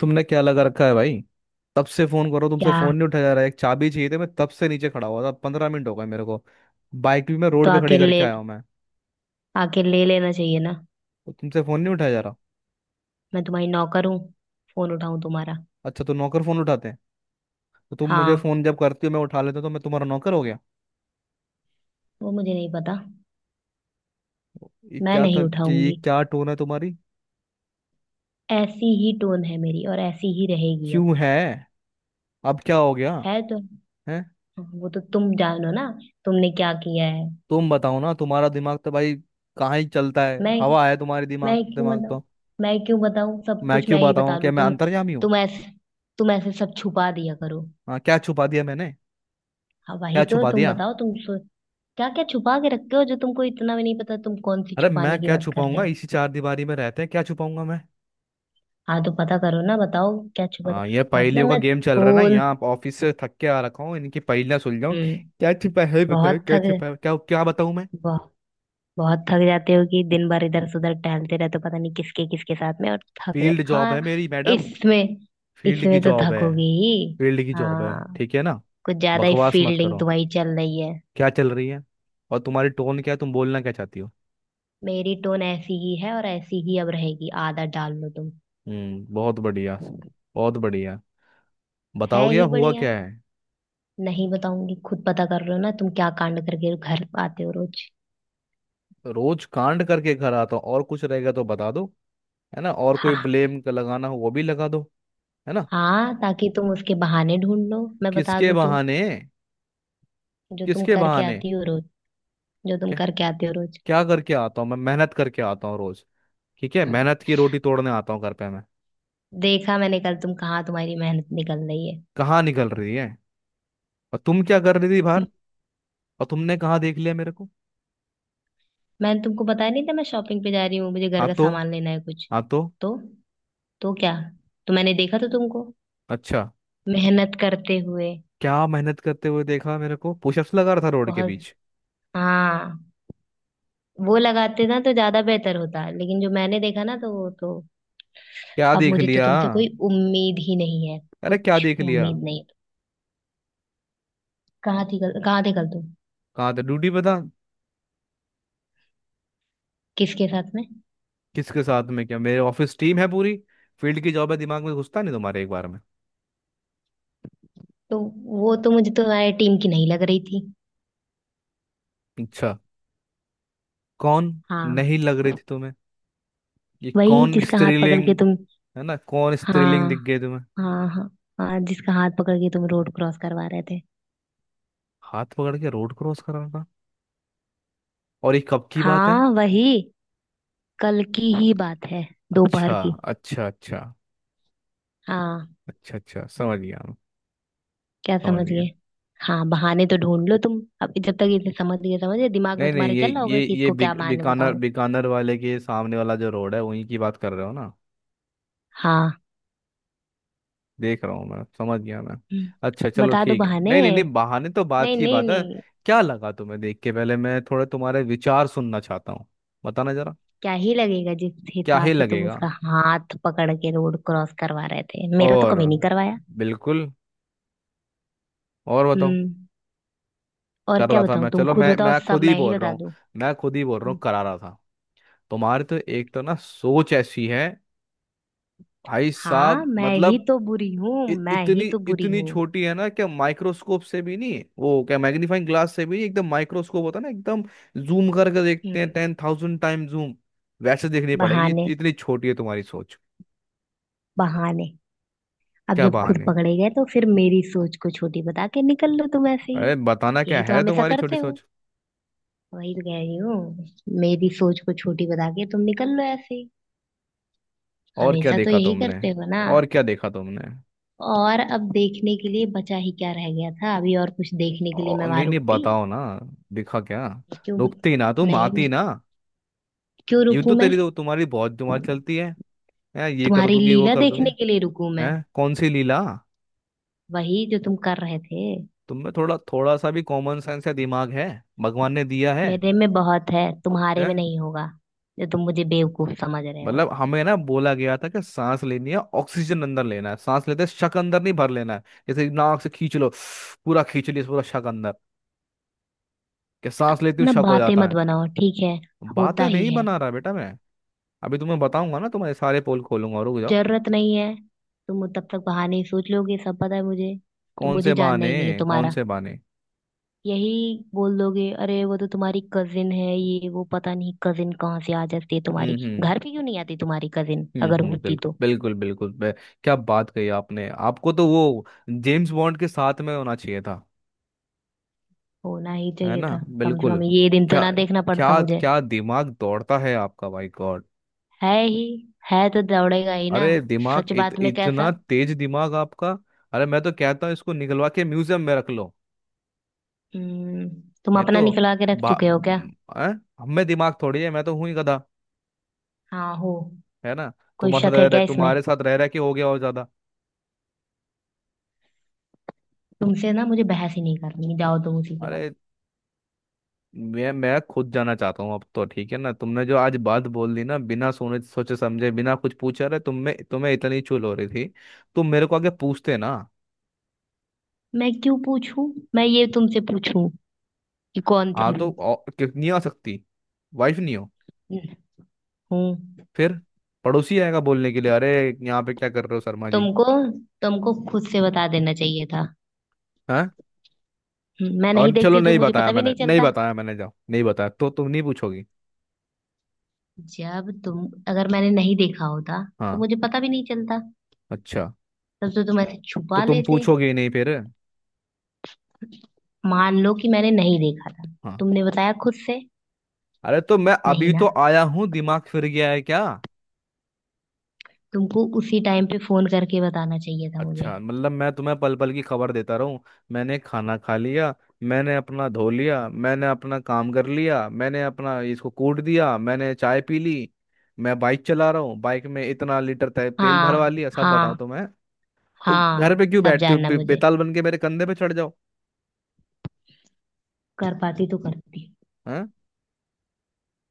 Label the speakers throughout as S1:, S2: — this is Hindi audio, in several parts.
S1: तुमने क्या लगा रखा है भाई। तब से फोन करो, तुमसे
S2: क्या?
S1: फोन नहीं उठाया जा रहा है। एक चाबी चाहिए थी, मैं तब से नीचे खड़ा हुआ था, 15 मिनट हो गए मेरे को। बाइक भी मैं
S2: तो
S1: रोड पे खड़ी करके आया हूँ मैं।
S2: आके ले लेना चाहिए ना।
S1: तो तुमसे फोन नहीं उठाया जा रहा।
S2: मैं तुम्हारी नौकर हूँ? फोन उठाऊं तुम्हारा?
S1: अच्छा, तो नौकर फोन उठाते हैं? तो तुम मुझे
S2: हाँ।
S1: फोन जब करती हो मैं उठा लेता हूं, तो मैं तुम्हारा नौकर हो गया?
S2: वो मुझे नहीं पता। मैं नहीं
S1: ये
S2: उठाऊंगी।
S1: क्या टोन है तुम्हारी?
S2: ऐसी ही टोन है मेरी और ऐसी ही रहेगी अब।
S1: क्यों है? अब क्या हो गया
S2: है तो।
S1: है?
S2: वो तो तुम जानो ना। तुमने क्या किया है?
S1: तुम बताओ ना। तुम्हारा दिमाग तो भाई कहाँ ही चलता है।
S2: मैं
S1: हवा है तुम्हारी
S2: मैं
S1: दिमाग
S2: क्यों
S1: दिमाग
S2: बताऊं?
S1: तो
S2: मैं क्यों बताऊं, सब
S1: मैं
S2: कुछ मैं
S1: क्यों
S2: ही
S1: बताऊं?
S2: बता
S1: कि
S2: दूं?
S1: मैं
S2: तुम।
S1: अंतर्यामी हूँ?
S2: तुम ऐसे तुम ऐसे सब छुपा दिया करो।
S1: हाँ, क्या छुपा दिया मैंने?
S2: हाँ, वही
S1: क्या
S2: तो
S1: छुपा
S2: तुम
S1: दिया?
S2: बताओ। तुम सो, क्या क्या छुपा के रखते हो जो तुमको इतना भी नहीं पता तुम कौन सी
S1: अरे मैं
S2: छुपाने की
S1: क्या
S2: बात कर रहे
S1: छुपाऊंगा,
S2: हो।
S1: इसी चार दीवारी में रहते हैं, क्या छुपाऊंगा मैं?
S2: हाँ तो पता करो ना, बताओ क्या छुपा दे।
S1: हाँ, ये
S2: मतलब
S1: पहेलियों का
S2: मैं
S1: गेम चल रहा है ना
S2: फूल
S1: यहाँ। आप ऑफिस से थक के आ रखा हूँ, इनकी पहेलियां सुलझाऊं।
S2: हम्म
S1: क्या छिपा है बताओ,
S2: बहुत
S1: क्या
S2: थक
S1: छिपा है? क्या क्या बताऊं मैं?
S2: बहुत बहुत थक जाते हो कि दिन भर इधर से उधर टहलते रहते हो, पता नहीं किसके किसके साथ में, और थक जाते।
S1: फील्ड जॉब है
S2: हाँ।
S1: मेरी मैडम।
S2: इसमें
S1: फील्ड की
S2: इसमें तो
S1: जॉब है।
S2: थकोगे ही।
S1: फील्ड की जॉब है
S2: हाँ।
S1: ठीक है ना?
S2: कुछ ज्यादा ही
S1: बकवास मत
S2: फील्डिंग
S1: करो।
S2: तुम्हारी चल रही है।
S1: क्या चल रही है? और तुम्हारी टोन क्या है, तुम बोलना क्या चाहती हो?
S2: मेरी टोन ऐसी ही है और ऐसी ही अब रहेगी, आदत डाल लो तुम।
S1: बहुत बढ़िया। बहुत बढ़िया।
S2: है
S1: बताओगे
S2: ही
S1: अब हुआ
S2: बढ़िया।
S1: क्या है?
S2: नहीं बताऊंगी, खुद पता कर रहे हो ना तुम क्या कांड करके घर आते हो रोज।
S1: रोज कांड करके घर आता हूँ, और कुछ रहेगा तो बता दो। है ना, और कोई ब्लेम लगाना हो वो भी लगा दो। है ना?
S2: हाँ, ताकि तुम उसके बहाने ढूंढ लो मैं बता
S1: किसके
S2: दूँ तो।
S1: बहाने?
S2: जो तुम
S1: किसके
S2: करके
S1: बहाने?
S2: आती हो रोज। जो तुम
S1: क्या?
S2: करके आते हो रोज।
S1: क्या करके आता हूँ मैं? मेहनत करके आता हूँ रोज। ठीक है, मेहनत की रोटी तोड़ने आता हूँ घर पे मैं।
S2: देखा मैंने कल, तुम कहाँ, तुम्हारी मेहनत निकल रही है।
S1: कहाँ निकल रही है? और तुम क्या कर रही थी बाहर?
S2: हम्म,
S1: और तुमने कहाँ देख लिया मेरे को?
S2: मैंने तुमको बताया नहीं था, मैं शॉपिंग पे जा रही हूँ, मुझे घर
S1: हाँ
S2: का
S1: तो।
S2: सामान लेना है कुछ।
S1: हाँ तो।
S2: तो तो क्या? तो मैंने देखा तो तुमको
S1: अच्छा।
S2: मेहनत करते हुए।
S1: क्या मेहनत करते हुए देखा मेरे को, पुशअप्स लगा रहा था रोड के
S2: बहुत।
S1: बीच?
S2: हाँ, वो लगाते ना तो ज्यादा बेहतर होता, लेकिन जो मैंने देखा ना तो वो तो।
S1: क्या
S2: अब
S1: देख
S2: मुझे तो
S1: लिया?
S2: तुमसे कोई उम्मीद ही नहीं है।
S1: अरे क्या
S2: कुछ
S1: देख लिया?
S2: उम्मीद नहीं। कहाँ थी कल, कहाँ थे कल तुम?
S1: कहाँ था, ड्यूटी पे था।
S2: किसके साथ में?
S1: किसके साथ में क्या, मेरे ऑफिस टीम है पूरी। फील्ड की जॉब है, दिमाग में घुसता नहीं तुम्हारे एक बार में।
S2: तो। वो तो मुझे तुम्हारे टीम की नहीं लग रही थी।
S1: अच्छा, कौन?
S2: हाँ,
S1: नहीं लग रही थी तुम्हें? ये
S2: वही
S1: कौन
S2: जिसका हाथ पकड़
S1: स्त्रीलिंग?
S2: के तुम।
S1: है ना? कौन स्त्रीलिंग
S2: हाँ,
S1: दिख गई तुम्हें?
S2: हाँ, हाँ। हाँ, जिसका हाथ पकड़ के तुम रोड क्रॉस करवा रहे थे।
S1: हाथ पकड़ के रोड क्रॉस कर रहा था? और ये कब की बात है?
S2: हाँ वही, कल की ही बात है।
S1: अच्छा।
S2: दोपहर की।
S1: अच्छा अच्छा।
S2: हाँ।
S1: अच्छा अच्छा समझ गया मैं।
S2: क्या
S1: समझ गया।
S2: समझिए? हाँ, बहाने तो ढूंढ लो तुम। अब जब तक इसे समझ गए समझे दिमाग में
S1: नहीं नहीं,
S2: तुम्हारे
S1: ये
S2: चल रहा
S1: ये
S2: होगा कि
S1: ये
S2: इसको क्या
S1: बिक,
S2: बहाने
S1: बीकानेर
S2: बताऊं।
S1: बीकानेर वाले के सामने वाला जो रोड है वहीं की बात कर रहे हो ना?
S2: हाँ।
S1: देख रहा हूँ मैं, समझ गया मैं।
S2: हम्म,
S1: अच्छा चलो
S2: बता दो
S1: ठीक है,
S2: बहाने।
S1: नहीं नहीं नहीं, बहाने तो बात
S2: नहीं
S1: की
S2: नहीं
S1: बात है।
S2: नहीं।
S1: क्या लगा तुम्हें देख के? पहले मैं थोड़ा तुम्हारे विचार सुनना चाहता हूँ। बताना जरा।
S2: क्या ही लगेगा, जिस
S1: क्या
S2: हिसाब
S1: ही
S2: से तुम
S1: लगेगा?
S2: उसका हाथ पकड़ के रोड क्रॉस करवा रहे थे, मेरा तो
S1: और?
S2: कभी नहीं करवाया।
S1: बिल्कुल। और बताओ।
S2: हम्म। और
S1: कर
S2: क्या
S1: रहा था मैं,
S2: बताऊं, तुम
S1: चलो
S2: खुद
S1: मैं
S2: बताओ,
S1: मैं
S2: सब
S1: खुद ही
S2: मैं ही
S1: बोल रहा
S2: बता
S1: हूँ।
S2: दूं?
S1: मैं खुद ही बोल रहा हूँ,
S2: हम्म।
S1: करा रहा था। तुम्हारी तो एक तो ना सोच ऐसी है। भाई
S2: हाँ,
S1: साहब,
S2: मैं ही
S1: मतलब,
S2: तो बुरी हूँ,
S1: इ,
S2: मैं ही
S1: इतनी
S2: तो बुरी
S1: इतनी
S2: हूँ।
S1: छोटी है ना। क्या माइक्रोस्कोप से भी नहीं, वो क्या मैग्नीफाइंग ग्लास से भी नहीं, एकदम माइक्रोस्कोप होता है ना एकदम, जूम करके देखते हैं
S2: हम्म।
S1: 10,000 टाइम जूम। वैसे देखनी पड़ेगी, इत-
S2: बहाने,
S1: इतनी छोटी है तुम्हारी सोच।
S2: बहाने। अब
S1: क्या
S2: जब खुद
S1: बहाने?
S2: पकड़े गए तो फिर मेरी सोच को छोटी बता के निकल लो तुम ऐसे
S1: अरे
S2: ही।
S1: बताना क्या
S2: यही तो
S1: है
S2: हमेशा
S1: तुम्हारी छोटी
S2: करते हो।
S1: सोच?
S2: वही तो कह रही हूँ। मेरी सोच को छोटी बता के तुम निकल लो ऐसे ही।
S1: और क्या
S2: हमेशा तो
S1: देखा
S2: यही
S1: तुमने?
S2: करते हो ना।
S1: और क्या देखा तुमने?
S2: और अब देखने के लिए बचा ही क्या रह गया था? अभी और कुछ देखने के लिए मैं
S1: और
S2: वहां
S1: नहीं नहीं,
S2: रुकती?
S1: बताओ ना। दिखा क्या?
S2: क्यों बत-
S1: रुकती ना, तुम
S2: नहीं।
S1: आती ना।
S2: क्यों
S1: यूं तो
S2: रुकूं मैं?
S1: तेरी तो तुम्हारी बहुत जुबान चलती है। हैं, ये कर
S2: तुम्हारी
S1: दूंगी, वो
S2: लीला
S1: कर दूंगी।
S2: देखने के लिए रुकूं मैं?
S1: हैं, कौन सी लीला?
S2: वही जो तुम कर रहे थे।
S1: तुम में थोड़ा थोड़ा सा भी कॉमन सेंस या दिमाग है? भगवान ने दिया है?
S2: मेरे में बहुत है, तुम्हारे में
S1: हैं?
S2: नहीं होगा। जो तुम मुझे बेवकूफ समझ रहे हो।
S1: मतलब हमें ना बोला गया था कि सांस लेनी है, ऑक्सीजन अंदर लेना है, सांस लेते शक अंदर नहीं भर लेना है, जैसे नाक से खींच लो पूरा, खींच लिया पूरा शक अंदर, कि सांस लेती हूँ
S2: ना,
S1: शक हो
S2: बातें
S1: जाता
S2: मत
S1: है।
S2: बनाओ, ठीक है? होता
S1: बातें
S2: ही
S1: नहीं
S2: है।
S1: बना रहा बेटा मैं। अभी तुम्हें बताऊंगा ना, तुम्हारे सारे पोल खोलूंगा और।
S2: जरूरत नहीं है। तुम तब तक बहाने ही सोच लोगे, सब पता है मुझे। तो
S1: कौन
S2: मुझे
S1: से
S2: जानना
S1: बहाने?
S2: ही नहीं है
S1: कौन
S2: तुम्हारा।
S1: से बहाने?
S2: यही बोल दोगे, अरे वो तो तुम्हारी कजिन है, ये वो। पता नहीं कजिन कहाँ से आ जाती है
S1: हम्म
S2: तुम्हारी,
S1: हम्म
S2: घर पे क्यों नहीं आती तुम्हारी कजिन अगर होती तो।
S1: बिल्कुल बिल्कुल क्या बात कही आपने, आपको तो वो जेम्स बॉन्ड के साथ में होना चाहिए था।
S2: होना ही
S1: है
S2: चाहिए
S1: ना?
S2: था, कम से कम
S1: बिल्कुल।
S2: ये दिन तो
S1: क्या?
S2: ना देखना
S1: क्या
S2: पड़ता मुझे।
S1: क्या दिमाग दौड़ता है आपका भाई, गॉड।
S2: है ही। है तो दौड़ेगा ही ना।
S1: अरे दिमाग,
S2: सच
S1: इत,
S2: बात में
S1: इतना
S2: कैसा।
S1: तेज दिमाग आपका। अरे मैं तो कहता हूँ इसको निकलवा के म्यूजियम में रख लो।
S2: हम्म। तुम
S1: ये
S2: अपना
S1: तो
S2: निकला के रख
S1: बा-
S2: चुके हो क्या?
S1: अ? हम में दिमाग थोड़ी है, मैं तो हूं ही गधा।
S2: हाँ हो।
S1: है ना?
S2: कोई
S1: तुम्हारे साथ
S2: शक
S1: रह
S2: है
S1: रहे,
S2: क्या इसमें?
S1: तुम्हारे साथ रह रह के हो गया और ज्यादा।
S2: तुमसे ना मुझे बहस ही नहीं करनी, जाओ तुम उसी के बाद।
S1: अरे मैं खुद जाना चाहता हूँ अब तो, ठीक है ना? तुमने जो आज बात बोल दी ना, बिना सोने सोचे समझे, बिना कुछ पूछा, रहे तुम में, तुम्हें इतनी चुल हो रही थी, तुम मेरे को आगे पूछते ना।
S2: मैं क्यों पूछूं? मैं ये तुमसे पूछूं कि कौन
S1: हाँ
S2: थी
S1: तो,
S2: वो?
S1: नहीं आ सकती? वाइफ नहीं हो?
S2: हूँ।
S1: फिर? पड़ोसी आएगा बोलने के लिए, अरे यहाँ पे क्या कर रहे हो शर्मा जी?
S2: तुमको तुमको खुद से बता देना चाहिए था।
S1: हाँ।
S2: मैं नहीं
S1: और चलो,
S2: देखती तो
S1: नहीं
S2: मुझे
S1: बताया
S2: पता भी
S1: मैंने,
S2: नहीं
S1: नहीं
S2: चलता।
S1: बताया मैंने, जाओ, नहीं बताया तो तुम नहीं पूछोगी?
S2: जब तुम अगर मैंने नहीं देखा होता तो
S1: हाँ।
S2: मुझे पता भी नहीं चलता।
S1: अच्छा।
S2: तब तो तुम ऐसे
S1: तो
S2: छुपा
S1: तुम
S2: लेते।
S1: पूछोगे ही नहीं फिर?
S2: मान लो कि मैंने नहीं देखा था।
S1: हाँ।
S2: तुमने बताया खुद से?
S1: अरे तो मैं
S2: नहीं
S1: अभी
S2: ना।
S1: तो आया हूँ, दिमाग फिर गया है क्या?
S2: तुमको उसी टाइम पे फोन करके बताना चाहिए था मुझे।
S1: अच्छा मतलब मैं तुम्हें पल पल की खबर देता रहूं? मैंने खाना खा लिया, मैंने अपना धो लिया, मैंने अपना काम कर लिया, मैंने अपना इसको कूट दिया, मैंने चाय पी ली, मैं बाइक चला रहा हूँ, बाइक में इतना लीटर तेल
S2: हाँ,
S1: भरवा लिया, सब बताऊं
S2: हाँ,
S1: तो मैं? तो घर
S2: हाँ।
S1: पे क्यों
S2: सब
S1: बैठते हो,
S2: जानना
S1: बे-
S2: मुझे,
S1: बेताल बन के मेरे कंधे पे चढ़ जाओ।
S2: कर पाती तो करती।
S1: हैं?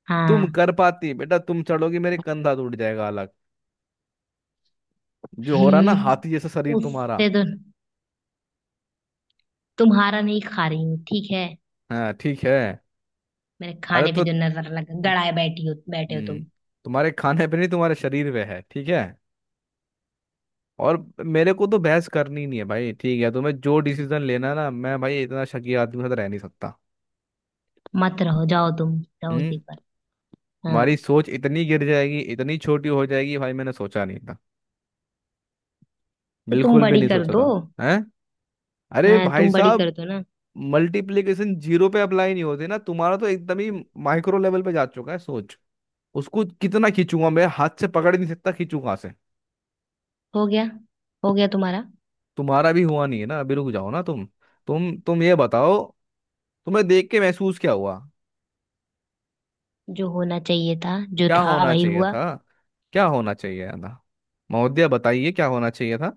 S2: हाँ।
S1: तुम कर पाती बेटा? तुम चढ़ोगी मेरे, कंधा टूट जाएगा अलग। जो हो रहा ना,
S2: हम्म।
S1: हाथी जैसा शरीर तुम्हारा।
S2: उससे तो। तुम्हारा नहीं खा रही हूँ, ठीक है।
S1: हाँ ठीक है।
S2: मेरे
S1: अरे
S2: खाने पे
S1: तो,
S2: जो नजर लग गड़ाए बैठी हो बैठे हो
S1: हम्म
S2: तुम।
S1: तुम्हारे खाने पे नहीं, तुम्हारे शरीर पे है, ठीक है? और मेरे को तो बहस करनी नहीं है भाई, ठीक है? तुम्हें जो डिसीजन लेना है ना, मैं भाई इतना शकी आदमी के साथ रह नहीं सकता।
S2: मत रहो, जाओ तुम। रहो
S1: हम्म
S2: उसी पर।
S1: हमारी
S2: हाँ।
S1: सोच इतनी गिर जाएगी, इतनी छोटी हो जाएगी भाई, मैंने सोचा नहीं था।
S2: तो तुम
S1: बिल्कुल भी
S2: बड़ी
S1: नहीं
S2: कर
S1: सोचा
S2: दो।
S1: था। हैं? अरे
S2: हाँ,
S1: भाई
S2: तुम बड़ी कर
S1: साहब,
S2: दो ना।
S1: मल्टीप्लीकेशन जीरो पे अप्लाई नहीं होते ना। तुम्हारा तो एकदम ही माइक्रो लेवल पे जा चुका है सोच। उसको कितना खींचूंगा मैं, हाथ से पकड़ ही नहीं सकता, खींचू कहाँ से?
S2: हो गया? हो गया तुम्हारा?
S1: तुम्हारा भी हुआ नहीं है ना अभी, रुक जाओ ना तुम। तुम ये बताओ, तुम्हें देख के महसूस क्या हुआ?
S2: जो होना चाहिए था, जो
S1: क्या
S2: था
S1: होना
S2: वही
S1: चाहिए
S2: हुआ।
S1: था? क्या होना चाहिए था? महोदया, बताइए क्या होना चाहिए था?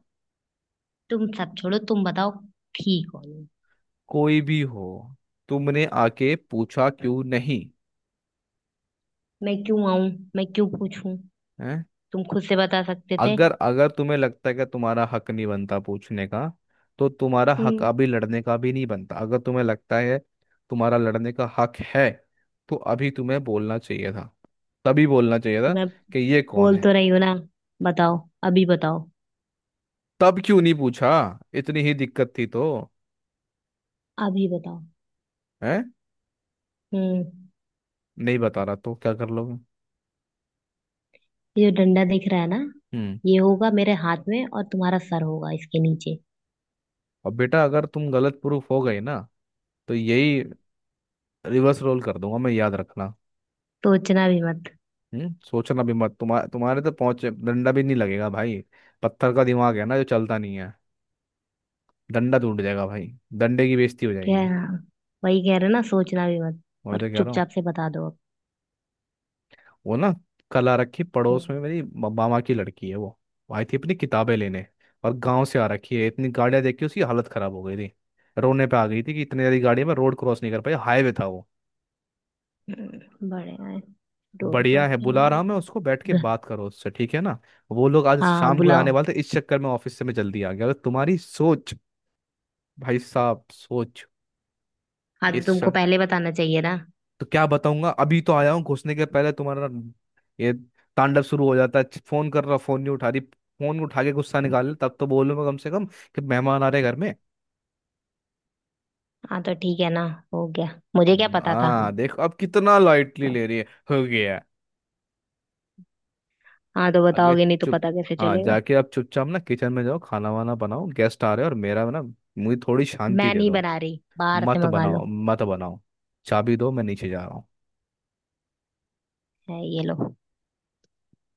S2: तुम सब छोड़ो, तुम बताओ। ठीक हो?
S1: कोई भी हो, तुमने आके पूछा क्यों नहीं?
S2: मैं क्यों आऊं? मैं क्यों पूछूं?
S1: है?
S2: तुम खुद से बता सकते थे।
S1: अगर अगर तुम्हें लगता है कि तुम्हारा हक नहीं बनता पूछने का, तो तुम्हारा हक
S2: हम्म।
S1: अभी लड़ने का भी नहीं बनता। अगर तुम्हें लगता है तुम्हारा लड़ने का हक है, तो अभी तुम्हें बोलना चाहिए था। तभी बोलना चाहिए
S2: तो
S1: था
S2: मैं
S1: कि ये कौन
S2: बोल
S1: है?
S2: तो रही हूँ ना। बताओ, अभी बताओ।
S1: तब क्यों नहीं पूछा? इतनी ही दिक्कत थी तो?
S2: अभी बताओ।
S1: है?
S2: हम्म।
S1: नहीं बता रहा तो क्या कर लोगे?
S2: ये जो डंडा दिख रहा है ना,
S1: हम्म।
S2: ये होगा मेरे हाथ में और तुम्हारा सर होगा इसके नीचे।
S1: अब बेटा अगर तुम गलत प्रूफ हो गई ना, तो यही रिवर्स रोल कर दूंगा मैं, याद रखना।
S2: सोचना भी मत।
S1: सोचना भी मत, तुम्हारे तुम्हारे तो पहुंच डंडा भी नहीं लगेगा भाई। पत्थर का दिमाग है ना जो चलता नहीं है। डंडा टूट जाएगा भाई। डंडे की बेइज्जती हो
S2: क्या है
S1: जाएगी।
S2: ना, वही कह रहे ना, सोचना भी मत।
S1: मैं
S2: और
S1: तो कह रहा हूँ।
S2: चुपचाप से बता दो अब।
S1: वो ना, कला रखी पड़ोस में, मेरी मामा की लड़की है वो। वो आई थी अपनी किताबें लेने, और गांव से आ रखी है, इतनी गाड़ियां देख के उसकी हालत खराब हो गई थी। रोने पे आ गई थी कि इतनी ज्यादा गाड़ियां में रोड क्रॉस नहीं कर पाई, हाईवे था वो।
S2: बढ़िया है। रोड
S1: बढ़िया
S2: क्रॉस
S1: है,
S2: करवा
S1: बुला रहा हूँ मैं
S2: देंगे।
S1: उसको, बैठ के
S2: ग-
S1: बात करो उससे, ठीक है ना? वो लोग आज
S2: हाँ
S1: शाम को
S2: बुलाओ।
S1: आने वाले थे, इस चक्कर में ऑफिस से मैं जल्दी आ गया। अगर तुम्हारी सोच, भाई साहब सोच,
S2: हाँ,
S1: ये
S2: तो
S1: श-
S2: तुमको पहले बताना चाहिए ना।
S1: तो क्या बताऊंगा, अभी तो आया हूँ, घुसने के पहले तुम्हारा ये तांडव शुरू हो जाता है। फोन कर रहा, फोन नहीं उठा रही, फोन उठा के गुस्सा निकाल ले, तब तो बोलूंगा कम से कम कि मेहमान आ रहे घर में।
S2: हाँ, तो ठीक है ना। हो गया। मुझे क्या पता था।
S1: हाँ देखो अब कितना लाइटली ले रही है। हो गया।
S2: हाँ, तो
S1: अगर
S2: बताओगे नहीं तो
S1: चुप।
S2: पता कैसे
S1: हाँ,
S2: चलेगा।
S1: जाके आप चुपचाप ना किचन में जाओ, खाना वाना बनाओ, गेस्ट आ रहे हैं, और मेरा ना, मुझे थोड़ी शांति
S2: मैं
S1: दे
S2: नहीं
S1: दो।
S2: बना रही, बाहर से
S1: मत
S2: मंगा
S1: बनाओ
S2: लो।
S1: मत बनाओ। चाबी दो, मैं नीचे जा रहा हूँ।
S2: है, ये लो।